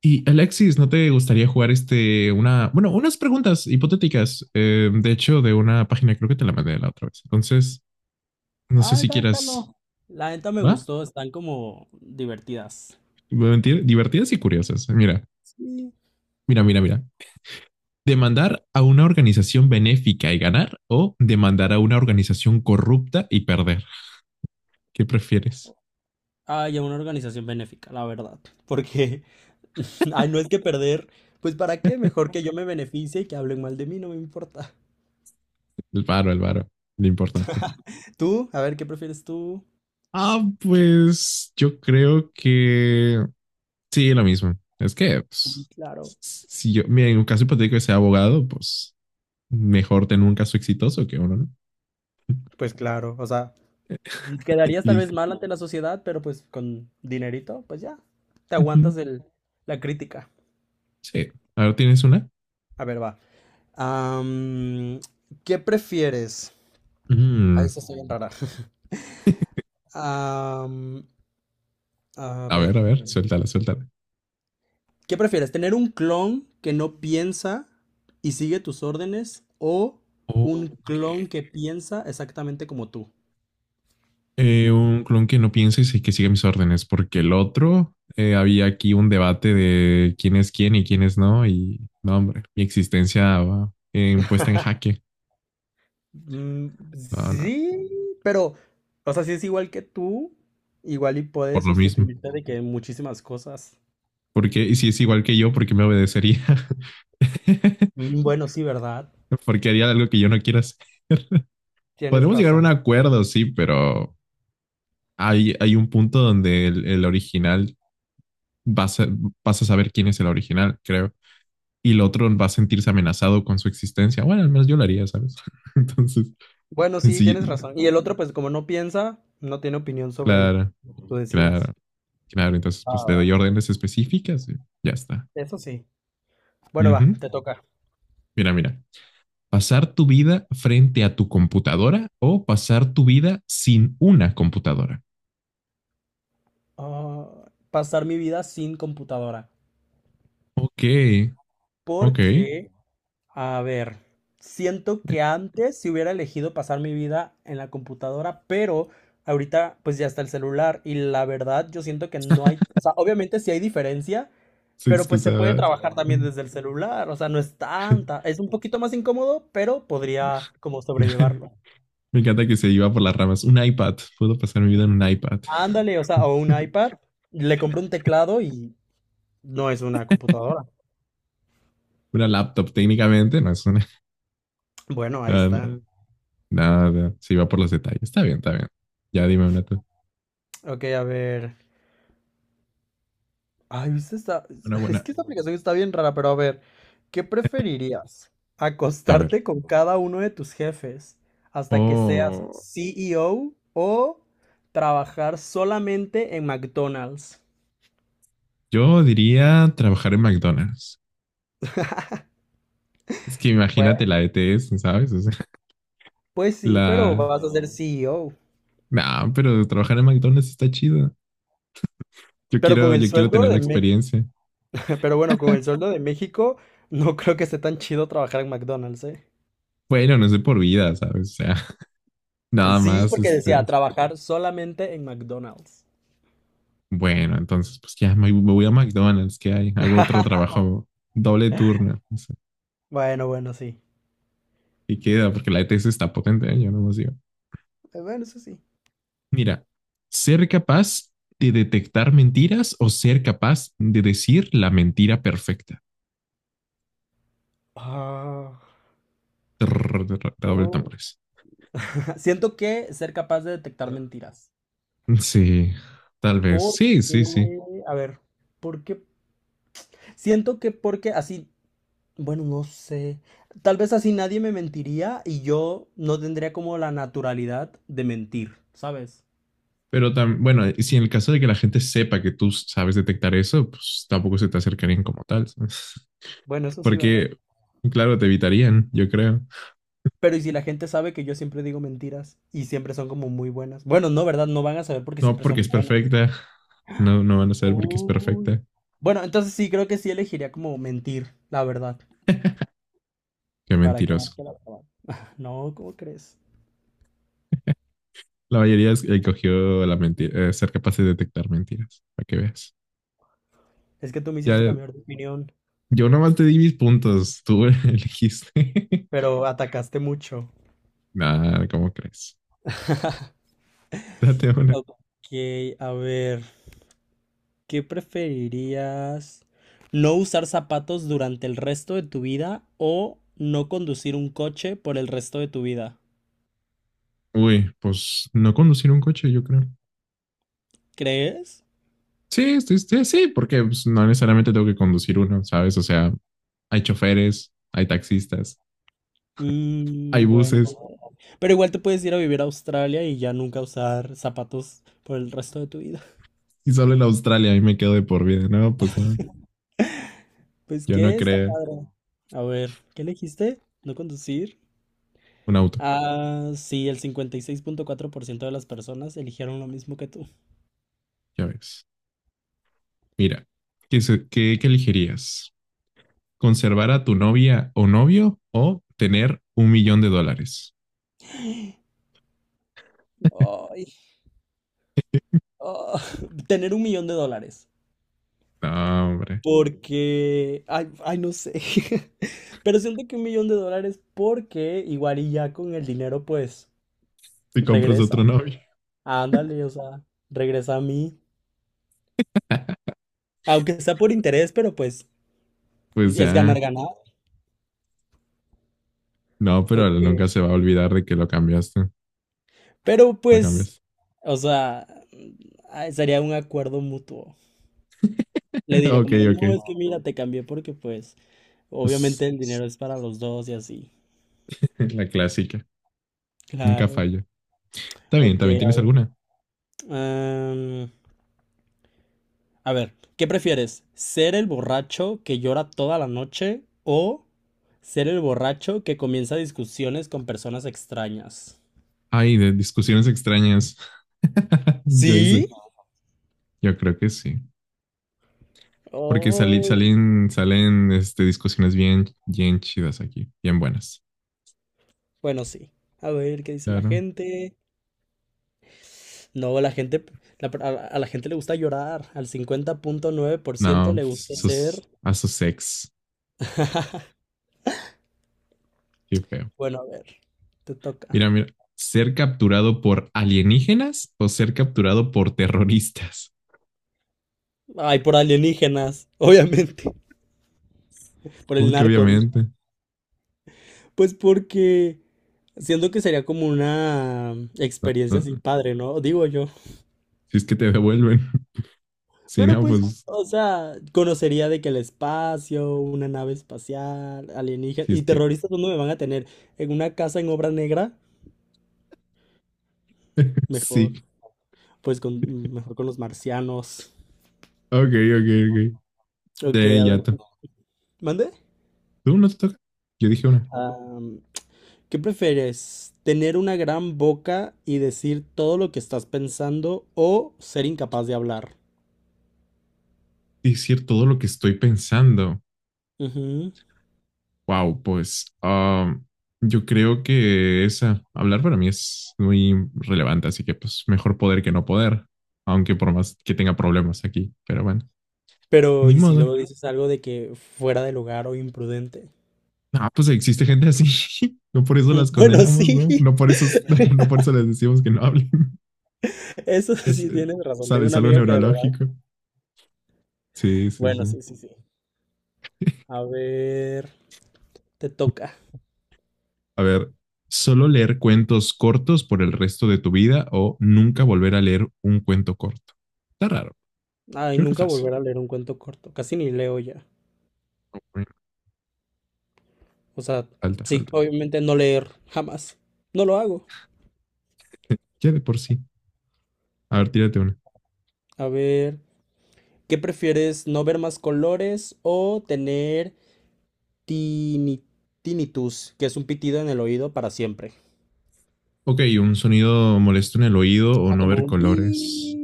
Y Alexis, ¿no te gustaría jugar unas preguntas hipotéticas? Eh, de hecho, de una página, creo que te la mandé la otra vez. Entonces, no sé Ay, si quieras, bájalo. La neta me ¿va? gustó, están como divertidas. Divertidas y curiosas. Mira, Sí. mira, mira, mira. Demandar a una organización benéfica y ganar o demandar a una organización corrupta y perder. ¿Qué prefieres? Ay, a una organización benéfica, la verdad. Porque, ay, no es que perder. Pues para qué, mejor que yo me beneficie y que hablen mal de mí, no me importa. El varo, lo importante. Tú, a ver, ¿qué prefieres tú? Ah, pues yo creo que sí, lo mismo. Es que, Sí, pues, claro. si yo, mira, en un caso hipotético de ser abogado, pues mejor tener un caso exitoso que uno, ¿no? Pues claro, o sea, quedarías tal vez Listo. mal ante la sociedad, pero pues con dinerito, pues ya, te Ujú. aguantas el, la crítica. Sí. A ver, ¿tienes una? A ver, va. Am, ¿Qué prefieres? Mm, Ay, se está bien rara. Am, a ver, a ver, suéltala, suéltala. ¿qué prefieres? ¿Tener un clon que no piensa y sigue tus órdenes o un Ok. clon que piensa exactamente como tú? Un clon que no piense y sí, que siga mis órdenes, porque el otro, había aquí un debate de quién es quién y quién es no, y no, hombre, mi existencia va puesta en jaque. Mm, No, no, sí, pero, o sea, si es igual que tú, igual y por puedes lo mismo. sustituirte de que en muchísimas cosas. Porque y si es igual que yo, ¿por qué me obedecería? Mm, bueno, sí, ¿verdad? Porque haría algo que yo no quiera hacer. Tienes Podremos llegar a un razón. acuerdo, sí, pero hay un punto donde el original vas a, vas a saber quién es el original, creo. Y el otro va a sentirse amenazado con su existencia. Bueno, al menos yo lo haría, ¿sabes? Entonces, Bueno, sí, sí, tienes razón. Y el otro, pues como no piensa, no tiene opinión sobre claro, lo que tú claro, decidas. claro. Entonces, pues Ah, le doy va. órdenes específicas y ya está. Eso sí. Uh Bueno, va, -huh. te toca. Mira, mira. Pasar tu vida frente a tu computadora o pasar tu vida sin una computadora. Ah, pasar mi vida sin computadora. Ok, ok. Porque, a ver, siento que antes si hubiera elegido pasar mi vida en la computadora, pero ahorita pues ya está el celular y la verdad yo siento que no hay, o sea, obviamente sí hay diferencia, Se pero pues se puede excusaba. trabajar también desde el celular, o sea, no es tanta, es un poquito más incómodo, pero podría como sobrellevarlo. Me encanta que se iba por las ramas. Un iPad. Puedo pasar mi vida en un iPad. Ándale, o sea, o un iPad, le compro un teclado y no es una computadora. Una laptop técnicamente, no es una... Bueno, ahí está. Nada, nada, nada. Se iba por los detalles. Está bien, está bien. Ya dime una, tú. Ok, a ver. Ay, ¿viste esta? Una Es buena. que esta aplicación está bien rara, pero a ver, ¿qué preferirías? A ver. ¿Acostarte con cada uno de tus jefes hasta que seas Oh, CEO o trabajar solamente en McDonald's? yo diría trabajar en McDonald's. Es que Pues, imagínate la ETS, ¿sabes? O sea, pues, sí, pero la, vas a ser CEO. nah, pero trabajar en McDonald's está chido. Pero con el Yo quiero sueldo tener la de México, experiencia. pero bueno, con el sueldo de México, no creo que esté tan chido trabajar en McDonald's, ¿eh? Bueno, no sé por vida, ¿sabes? O sea, Y nada sí, más, porque decía, este. trabajar solamente en McDonald's. Bueno, entonces, pues me voy a McDonald's, ¿qué hay? Hago otro trabajo, doble turno. O sea, Bueno, bueno, sí. y queda, porque la ETS está potente, ¿eh? Yo no más digo. Bueno, eso sí. Mira, ser capaz de detectar mentiras o ser capaz de decir la mentira perfecta. Ah. Trrr, trrr, doble No, tambores. siento que ser capaz de detectar mentiras. Sí, tal vez. Sí, sí, Porque, sí. a ver, porque siento que porque así, bueno, no sé, tal vez así nadie me mentiría y yo no tendría como la naturalidad de mentir, ¿sabes? Y si en el caso de que la gente sepa que tú sabes detectar eso, pues tampoco se te acercarían como tal, ¿sabes? Bueno, eso sí, ¿verdad? Porque, claro, te evitarían, yo creo. Pero y si la gente sabe que yo siempre digo mentiras y siempre son como muy buenas. Bueno, no, ¿verdad? No van a saber porque No siempre porque son es buenas. perfecta, no, no van a saber porque es Uy. perfecta. Bueno, entonces sí, creo que sí elegiría como mentir, la verdad. Qué ¿Para qué mentiroso. más que la verdad? No, ¿cómo crees? Escogió la mentira, ser capaz de detectar mentiras, para que veas. Es que tú me hiciste Ya, cambiar de opinión, yo nomás te di mis puntos, tú elegiste. pero atacaste mucho. Nada, ¿cómo crees? Date una. Ok, a ver, ¿qué preferirías? ¿No usar zapatos durante el resto de tu vida o no conducir un coche por el resto de tu vida? Uy, pues no conducir un coche, yo creo. ¿Crees? Sí, sí, sí, sí, porque pues, no necesariamente tengo que conducir uno, ¿sabes? O sea, hay choferes, hay taxistas, hay Mm, bueno. buses, Pero igual te puedes ir a vivir a Australia y ya nunca usar zapatos por el resto de tu vida. y solo en Australia ahí me quedo de por vida. No, pues no, Pues yo no qué, está creo padre. A ver, ¿qué elegiste? ¿No conducir? un auto, Ah, sí, el 56.4% de las personas eligieron lo mismo que tú. ya ves. Mira, ¿qué, qué elegirías? ¿Conservar a tu novia o novio o tener un millón de dólares? Ay, ah, tener $1 millón. No, hombre, Porque, ay, ay, no sé. Pero siento que $1 millón porque igual y ya con el dinero pues si compras regresa. otro novio, Ándale, o sea, regresa a mí. Aunque sea por interés, pero pues pues es ganar, ya. ganar. No, pero él nunca Ok. se va a olvidar de que lo cambiaste. Pero La pues, cambiaste. o sea, ay, sería un acuerdo mutuo. Le diré Ok, como de, no, ok. es que mira, te cambié porque pues obviamente Pues, el dinero es para los dos y así. la clásica. Nunca Claro. falla. Está bien, Ok, también a tienes ver. alguna. am, a ver, ¿qué prefieres? ¿Ser el borracho que llora toda la noche o ser el borracho que comienza discusiones con personas extrañas? Ay, de discusiones extrañas. Yo ese. ¿Sí? Yo creo que sí. Porque Oh, salen discusiones bien, bien chidas aquí, bien buenas. bueno, sí. A ver, ¿qué dice la Claro. gente? No, la gente, a la gente le gusta llorar. Al 50.9% No, le pues, gusta sus, ser... a sus ex. Qué feo. Bueno, a ver, te toca. Mira, mira. ¿Ser capturado por alienígenas o ser capturado por terroristas? Ay, por alienígenas, obviamente, por el Uy, que narco, dije. obviamente. Pues porque siento que sería como una No, experiencia así no. padre, ¿no? Digo yo. Si es que te devuelven. Si Pero no, pues, pues, o sea, conocería de que el espacio, una nave espacial, alienígena si y es que. terroristas, ¿dónde me van a tener? ¿En una casa en obra negra? Mejor, Sí. pues con, mejor con los marcianos. Ok, ok, ok. Ok, De a ver, yato. ¿mande? ¿Tú no te toca? Yo dije una. ¿Qué prefieres? ¿Tener una gran boca y decir todo lo que estás pensando o ser incapaz de hablar? Decir todo lo que estoy pensando. Ujú. Wow, pues yo creo que esa, hablar para mí es muy relevante, así que pues mejor poder que no poder, aunque por más que tenga problemas aquí, pero bueno, Pero, ni ¿y si luego modo. dices algo de que fuera de lugar o imprudente? Ah, pues existe gente así, no por eso las Bueno, condenamos, ¿no? sí. No por eso, no por eso les decimos que no hablen. Eso Es, sí eh, tienes razón. Sale, Tengo es una algo amiga que de verdad. neurológico. Sí, sí, Bueno, sí. sí, sí, sí. A ver, te toca. A ver, solo leer cuentos cortos por el resto de tu vida o nunca volver a leer un cuento corto. Está raro. Ay, Creo que nunca fácil. volver a leer un cuento corto. Casi ni leo ya. O sea, Falta, sí, falta. obviamente no leer jamás. No lo hago. Ya de por sí. A ver, tírate una. A ver, ¿qué prefieres, no ver más colores o tener tini- tinnitus, que es un pitido en el oído para siempre? Ok, un sonido molesto en el oído o Ajá, no como ver un pi. colores.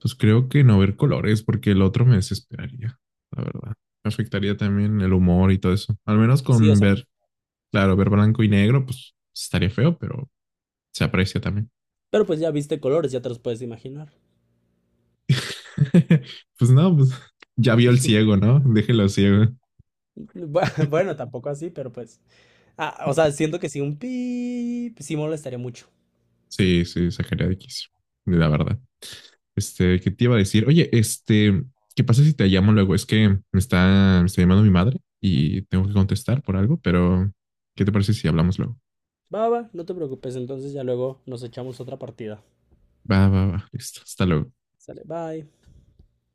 Pues creo que no ver colores porque el otro me desesperaría, la verdad. Me afectaría también el humor y todo eso. Al menos Sí, o con sea, ver, claro, ver blanco y negro, pues estaría feo, pero se aprecia también. pero pues ya viste colores, ya te los puedes imaginar. Pues no, pues ya vio el ciego, ¿no? Déjelo ciego. Bueno, tampoco así, pero pues. Ah, o sea, siento que sí, un pi sí molestaría mucho. Sí, sí, X, la verdad. Este, ¿qué te iba a decir? Oye, este, ¿qué pasa si te llamo luego? Es que me está llamando mi madre y tengo que contestar por algo, pero ¿qué te parece si hablamos luego? Va, va, no te preocupes, entonces ya luego nos echamos otra partida. Va, va, va, listo, hasta luego. Sale, bye.